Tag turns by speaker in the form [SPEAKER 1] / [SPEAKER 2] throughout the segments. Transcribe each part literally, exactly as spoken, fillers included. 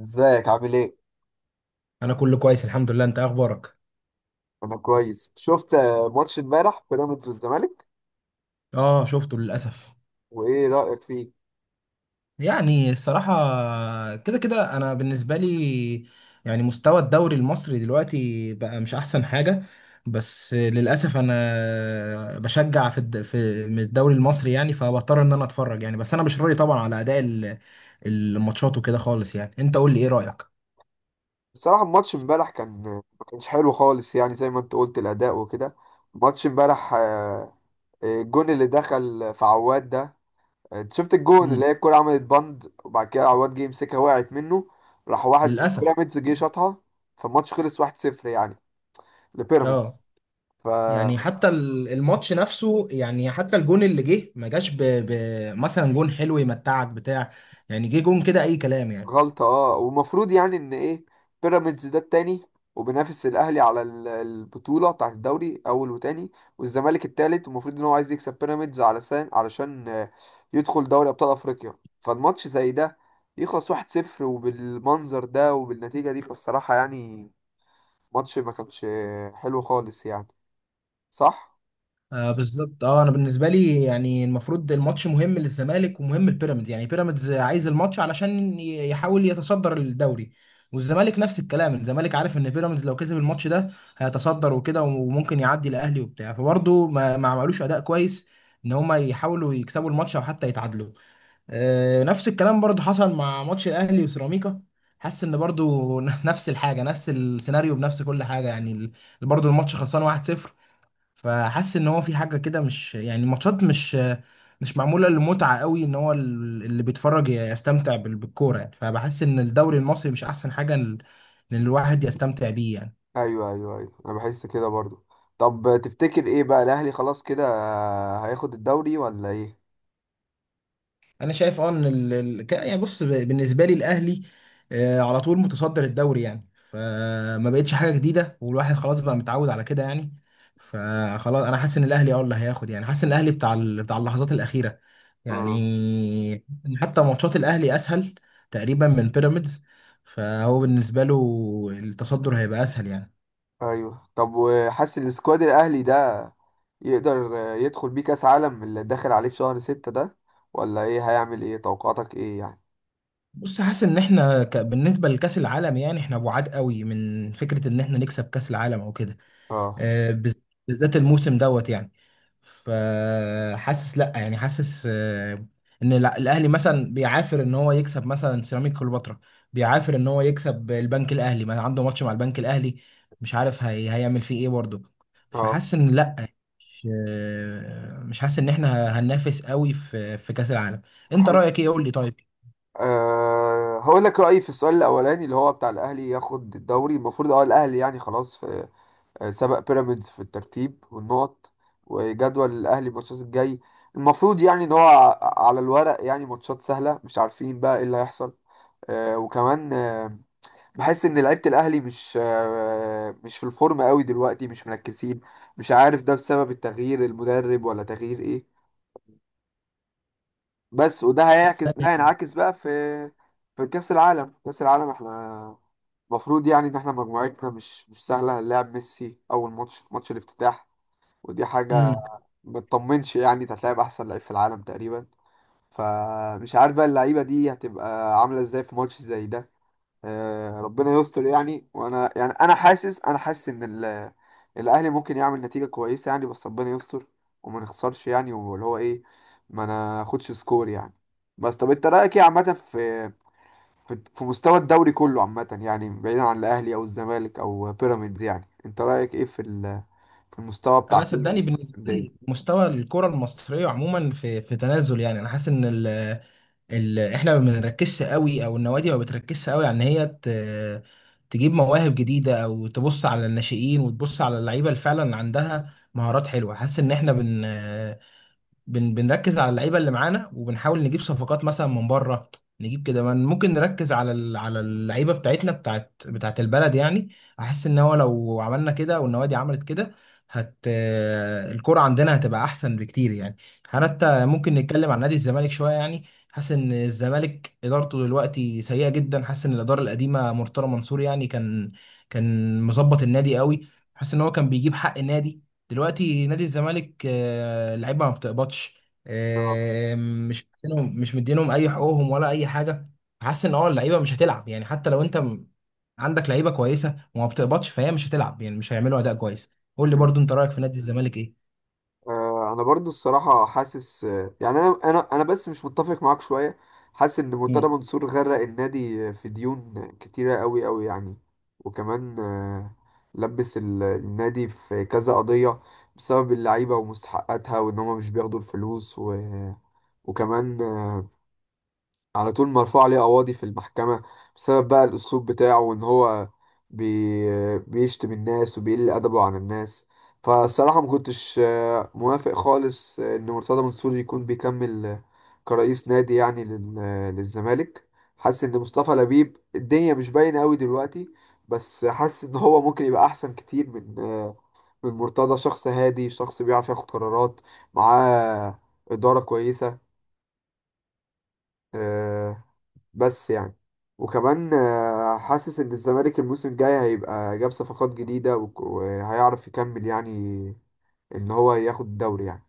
[SPEAKER 1] ازيك عامل ايه؟
[SPEAKER 2] انا كله كويس، الحمد لله. انت إيه اخبارك؟
[SPEAKER 1] انا كويس. شفت آه، ماتش امبارح بيراميدز والزمالك.
[SPEAKER 2] اه، شفته للاسف.
[SPEAKER 1] وايه رأيك فيه؟
[SPEAKER 2] يعني الصراحه كده كده انا بالنسبه لي، يعني مستوى الدوري المصري دلوقتي بقى مش احسن حاجه. بس للاسف انا بشجع في الد... في من الدوري المصري، يعني فبضطر ان انا اتفرج يعني. بس انا مش راضي طبعا على اداء ال- الماتشات وكده خالص. يعني انت قول لي ايه رايك؟
[SPEAKER 1] الصراحة، الماتش امبارح كان ما كانش حلو خالص، يعني زي ما انت قلت الأداء وكده. ماتش امبارح، آه، الجون اللي دخل في عواد ده. آه، انت شفت الجون اللي
[SPEAKER 2] مم.
[SPEAKER 1] هي الكرة عملت بند، وبعد كده عواد جه يمسكها وقعت منه. راح واحد من
[SPEAKER 2] للاسف.
[SPEAKER 1] بيراميدز جه شاطها. فالماتش خلص واحد صفر، يعني لبيراميدز.
[SPEAKER 2] اه، يعني حتى ال- الماتش نفسه، يعني حتى الجون اللي جه ما جاش ب... ب... مثلا جون حلو يمتعك بتاع. يعني جه جون كده اي كلام يعني.
[SPEAKER 1] غلطة، اه، ومفروض يعني ان ايه، بيراميدز ده التاني وبينافس الاهلي على ال- البطولة بتاعة الدوري، اول وتاني. والزمالك التالت، ومفروض ان هو عايز يكسب بيراميدز علشان علشان آه، يدخل دوري ابطال افريقيا. فالماتش زي ده يخلص واحد صفر، وبالمنظر ده وبالنتيجة دي، فالصراحة يعني ماتش ما كانش آه، حلو خالص يعني. صح؟
[SPEAKER 2] آه، بالظبط. اه، انا بالنسبه لي يعني المفروض الماتش مهم للزمالك ومهم لبيراميدز. يعني بيراميدز عايز الماتش علشان ي- يحاول يتصدر الدوري، والزمالك نفس الكلام. الزمالك عارف ان بيراميدز لو كسب الماتش ده هيتصدر وكده، وممكن يعدي الاهلي وبتاع. فبرضه ما ما عملوش اداء كويس ان هما يحاولوا يكسبوا الماتش او حتى يتعادلوا. آه، نفس الكلام برضو حصل مع ماتش الاهلي وسيراميكا. حاسس ان برضو نفس الحاجه، نفس السيناريو، بنفس كل حاجه يعني. ال- برضو الماتش خلصان واحد صفر. فحاسس ان هو في حاجه كده، مش يعني الماتشات مش مش معموله للمتعه قوي، ان هو ال- اللي بيتفرج يستمتع بال- بالكوره يعني. فبحس ان الدوري المصري مش احسن حاجه ال- ان الواحد يستمتع بيه يعني.
[SPEAKER 1] ايوه، ايوه، ايوه، انا بحس كده برضو. طب تفتكر ايه بقى، الاهلي خلاص كده آه، هياخد الدوري ولا ايه؟
[SPEAKER 2] انا شايف اه ان ال... ال- ك- يعني بص، ب- بالنسبه لي الاهلي آه، على طول متصدر الدوري، يعني فما بقتش حاجه جديده، والواحد خلاص بقى متعود على كده يعني. فخلاص انا حاسس ان الاهلي اه اللي هياخد. يعني حاسس ان الاهلي بتاع ال... بتاع اللحظات الاخيره
[SPEAKER 1] مم.
[SPEAKER 2] يعني. حتى ماتشات الاهلي اسهل تقريبا من بيراميدز، فهو بالنسبه له التصدر هيبقى اسهل يعني.
[SPEAKER 1] ايوه، طب وحاسس ان السكواد الاهلي ده يقدر يدخل بيه كاس عالم اللي داخل عليه في شهر ستة ده، ولا ايه هيعمل، ايه توقعاتك ايه يعني؟
[SPEAKER 2] بص، حاسس ان احنا ك... بالنسبه لكاس العالم، يعني احنا بعاد قوي من فكره ان احنا نكسب كاس العالم او كده.
[SPEAKER 1] اه،
[SPEAKER 2] آه، بز- بالذات الموسم دوت يعني. فحاسس لا، يعني حاسس آه، ان الع- الاهلي مثلا بيعافر ان هو يكسب مثلا سيراميك كليوباترا، بيعافر ان هو يكسب البنك الاهلي. ما عنده ماتش مع البنك الاهلي، مش عارف هي هيعمل فيه ايه برضه.
[SPEAKER 1] اه،
[SPEAKER 2] فحاسس ان لا، مش آه، مش حاسس ان احنا هننافس قوي في في كاس العالم. انت
[SPEAKER 1] حاسس.
[SPEAKER 2] رايك ايه؟ قول لي طيب.
[SPEAKER 1] أه هقول لك رأيي في السؤال الأولاني، اللي هو بتاع الأهلي ياخد الدوري. المفروض اه الأهلي يعني خلاص، في آه، سبق بيراميدز في الترتيب والنقط. وجدول الأهلي الماتشات الجاي، المفروض يعني إن هو ع- على الورق يعني ماتشات سهلة. مش عارفين بقى إيه اللي هيحصل. أه وكمان آه، بحس ان لعيبه الاهلي مش آه، مش في الفورم قوي دلوقتي، مش مركزين. مش عارف ده بسبب التغيير المدرب، ولا تغيير ايه. بس وده هيعكس ده هينعكس بقى في في كاس العالم. كاس العالم احنا المفروض يعني ان احنا مجموعتنا مش مش سهله. هنلاعب ميسي اول ماتش في ماتش الافتتاح. ودي حاجه
[SPEAKER 2] امم
[SPEAKER 1] ما تطمنش، يعني انت هتلاعب احسن لعيب في العالم تقريبا. فمش عارف بقى اللعيبه دي هتبقى عامله ازاي في ماتش زي ده. آه، ربنا يستر يعني، وانا يعني انا حاسس انا حاسس ان ال- الاهلي ممكن يعمل نتيجه كويسه، يعني بس ربنا يستر. وما نخسرش، يعني واللي هو ايه، ما ناخدش سكور يعني. بس طب انت رايك ايه عامه في في في مستوى الدوري كله عامه، يعني بعيدا عن الاهلي او الزمالك او بيراميدز، يعني انت رايك ايه في ال- في المستوى بتاع
[SPEAKER 2] انا
[SPEAKER 1] كل
[SPEAKER 2] صدقني، بالنسبه
[SPEAKER 1] الدنيا؟
[SPEAKER 2] لي مستوى الكره المصريه عموما في في تنازل يعني. انا حاسس ان ال- ال... احنا ما بنركزش قوي، او النوادي ما بتركزش قوي على ان هي ت... تجيب مواهب جديده او تبص على الناشئين وتبص على اللعيبه اللي فعلا عندها مهارات حلوه. حاسس ان احنا بن بن بنركز على اللعيبه اللي معانا، وبنحاول نجيب صفقات مثلا من بره. نجيب كده من- ممكن نركز على ال- على اللعيبه بتاعتنا، بتاعت بتاعت البلد يعني. احس ان هو لو عملنا كده والنوادي عملت كده، هت آه، الكرة عندنا هتبقى احسن بكتير يعني. حتى ممكن نتكلم عن نادي الزمالك شويه يعني. حاسس ان الزمالك ادارته دلوقتي سيئه جدا. حاسس ان الاداره القديمه مرتضى منصور يعني كان كان مظبط النادي قوي. حاسس ان هو كان بيجيب حق النادي. دلوقتي نادي الزمالك آه، اللعيبه ما بتقبضش.
[SPEAKER 1] اه.
[SPEAKER 2] آه، مش مدينهم مش مدينهم اي حقوقهم ولا اي حاجه. حاسس ان اه اللعيبه مش هتلعب يعني، حتى لو انت م- عندك لعيبه كويسه وما بتقبضش فهي مش هتلعب يعني، مش هيعملوا اداء كويس. قول لي برضو انت رايك في نادي الزمالك ايه؟
[SPEAKER 1] آه، انا برضو الصراحه حاسس آه، يعني انا انا انا بس مش متفق معاك شويه. حاسس ان مرتضى
[SPEAKER 2] مم.
[SPEAKER 1] منصور غرق النادي آه، في ديون كتيره قوي قوي يعني. وكمان آه، لبس ال- النادي في كذا قضيه بسبب اللعيبه ومستحقاتها وان هم مش بياخدوا الفلوس و... وكمان على طول مرفوع عليه قواضي في المحكمة، بسبب بقى الأسلوب بتاعه وإن هو بي... بيشتم الناس وبيقل أدبه عن الناس. فالصراحة ما كنتش آه، موافق خالص آه، إن مرتضى منصور يكون بيكمل آه، كرئيس نادي، يعني لل... آه، للزمالك. حاسس إن مصطفى لبيب الدنيا مش باينة أوي دلوقتي، بس حاسس إن هو ممكن يبقى أحسن كتير من آه، من مرتضى. شخص هادي، شخص بيعرف ياخد قرارات، معاه إدارة كويسة، آه، بس يعني. وكمان آه، حاسس ان الزمالك الموسم الجاي هيبقى جاب صفقات جديدة وك- وهيعرف يكمل، يعني ان هو ياخد الدوري يعني.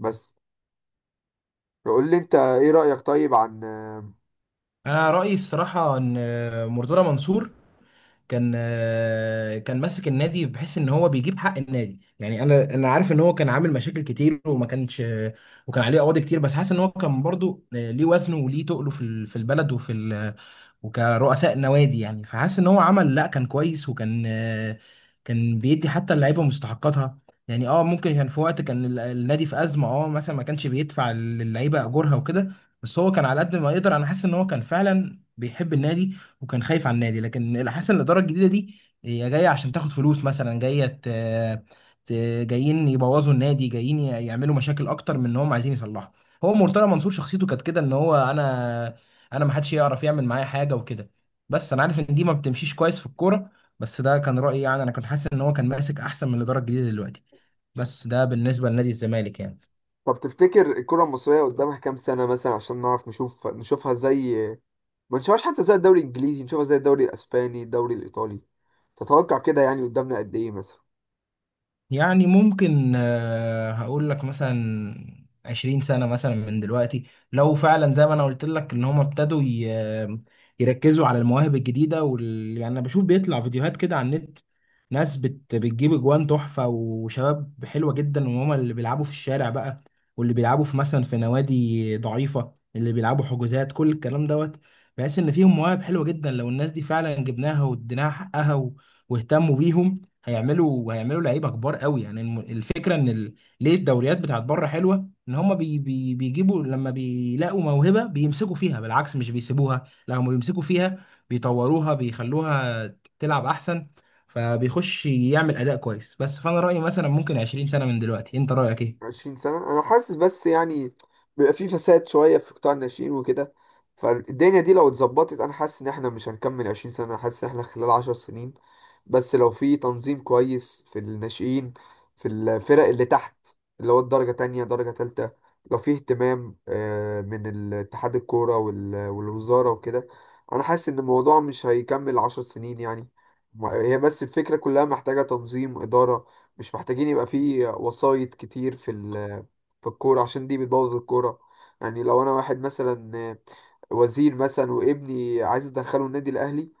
[SPEAKER 1] بس قول لي انت، ايه رأيك طيب عن آه،
[SPEAKER 2] انا رايي الصراحه ان آه، مرتضى منصور كان آه، كان ماسك النادي بحيث ان هو بيجيب حق النادي يعني. انا انا عارف ان هو كان عامل مشاكل كتير وما كانش، وكان عليه قواضي كتير. بس حاسس ان هو كان برضو آه، ليه وزنه وليه تقله في ال- في البلد وفي ال- وكرؤساء نوادي يعني. فحاسس ان هو عمل، لا كان كويس، وكان آه، كان بيدي حتى اللعيبه مستحقاتها يعني. اه، ممكن كان في وقت كان ال- النادي في ازمه، اه مثلا ما كانش بيدفع للعيبه اجورها وكده. بس هو كان على قد ما يقدر. انا حاسس ان هو كان فعلا بيحب النادي وكان خايف على النادي. لكن حاسس ان الاداره الجديده دي هي جايه عشان تاخد فلوس، مثلا جايه ت... ت... جايين يبوظوا النادي، جايين ي- يعملوا مشاكل اكتر من ان هم عايزين يصلحوا. هو مرتضى منصور شخصيته كانت كده ان هو انا انا ما حدش يعرف يعمل معايا حاجه وكده. بس انا عارف ان دي ما بتمشيش كويس في الكوره. بس ده كان رايي يعني، انا كنت حاسس ان هو كان ماسك احسن من الاداره الجديده دلوقتي. بس ده بالنسبه لنادي الزمالك يعني.
[SPEAKER 1] طب تفتكر الكرة المصرية قدامها كام سنة مثلا، عشان نعرف نشوف نشوفها زي، ما نشوفهاش حتى زي الدوري الانجليزي، نشوفها زي الدوري الاسباني الدوري الايطالي. تتوقع كده يعني قدامنا قد ايه مثلا؟
[SPEAKER 2] يعني ممكن آه، هقول لك مثلا عشرين سنة مثلا من دلوقتي. لو فعلا زي ما أنا قلت لك إن هم ابتدوا ي- يركزوا على المواهب الجديدة وال... يعني أنا بشوف بيطلع فيديوهات كده على النت. ناس بت... بتجيب أجوان تحفة وشباب حلوة جدا، وهم اللي بيلعبوا في الشارع بقى، واللي بيلعبوا في مثلا في نوادي ضعيفة، اللي بيلعبوا حجوزات، كل الكلام دوت. بحيث إن فيهم مواهب حلوة جدا. لو الناس دي فعلا جبناها واديناها حقها و... واهتموا بيهم، هيعملوا هيعملوا لعيبه كبار قوي يعني. الم- الفكره ان ال... ليه الدوريات بتاعت بره حلوه ان هم بي... بي... بيجيبوا، لما بيلاقوا موهبه بيمسكوا فيها، بالعكس مش بيسيبوها، لا هم بيمسكوا فيها بيطوروها بيخلوها تلعب احسن. فبيخش يعمل اداء كويس بس. فانا رايي مثلا ممكن عشرين سنه من دلوقتي. انت رايك ايه؟
[SPEAKER 1] عشرين سنة، أنا حاسس، بس يعني بيبقى في فساد شوية في قطاع الناشئين وكده. فالدنيا دي لو اتظبطت أنا حاسس إن إحنا مش هنكمل عشرين سنة، أنا حاسس إن إحنا خلال عشر سنين، بس لو في تنظيم كويس في الناشئين، في الفرق اللي تحت، اللي هو الدرجة تانية درجة تالتة، لو في اهتمام آه، من اتحاد الكورة وال- والوزارة وكده، أنا حاسس إن الموضوع مش هيكمل عشر سنين يعني. ما- هي بس الفكرة كلها محتاجة تنظيم إدارة. مش محتاجين يبقى في وسايط كتير في ال- في الكورة، عشان دي بتبوظ الكورة. يعني لو انا واحد مثلا وزير مثلا، وابني عايز ادخله النادي الاهلي،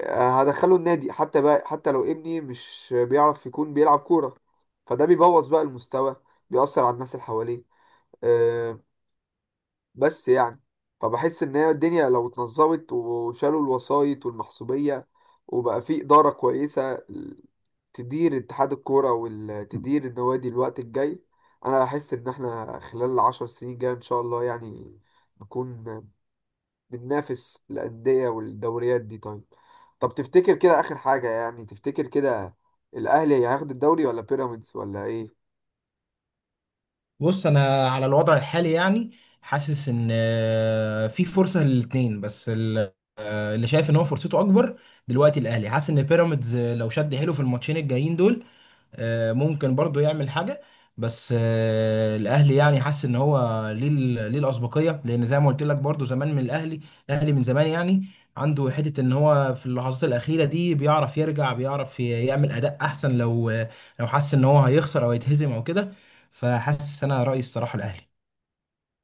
[SPEAKER 1] آه، هدخله النادي حتى، بقى، حتى لو ابني مش بيعرف يكون بيلعب كورة. فده بيبوظ بقى المستوى، بيأثر على الناس اللي حواليه، آه، بس يعني. فبحس ان هي الدنيا لو اتنظمت وشالوا الوسائط والمحسوبية، وبقى في إدارة كويسة تدير اتحاد الكورة وتدير النوادي الوقت الجاي، انا بحس ان احنا خلال العشر سنين جاية ان شاء الله يعني نكون بننافس الأندية والدوريات دي. طيب، طب تفتكر كده آخر حاجة، يعني تفتكر كده الأهلي هياخد الدوري ولا بيراميدز ولا ايه؟
[SPEAKER 2] بص، انا على الوضع الحالي يعني حاسس ان آه، في فرصه للاثنين، بس ال- اللي شايف ان هو فرصته اكبر دلوقتي الاهلي. حاسس ان بيراميدز آه، لو شد حيله في الماتشين الجايين دول، آه، ممكن برضو يعمل حاجة. بس آه، الاهلي يعني حاسس ان هو ليه ال- ليه الاسبقيه، لان زي ما قلت لك برضو زمان من الاهلي. الاهلي من زمان يعني عنده حته ان هو في اللحظات الاخيره دي بيعرف يرجع، بيعرف ي- يعمل اداء احسن، لو لو حس ان هو هيخسر او يتهزم او كده. فحاسس انا رايي الصراحه الاهلي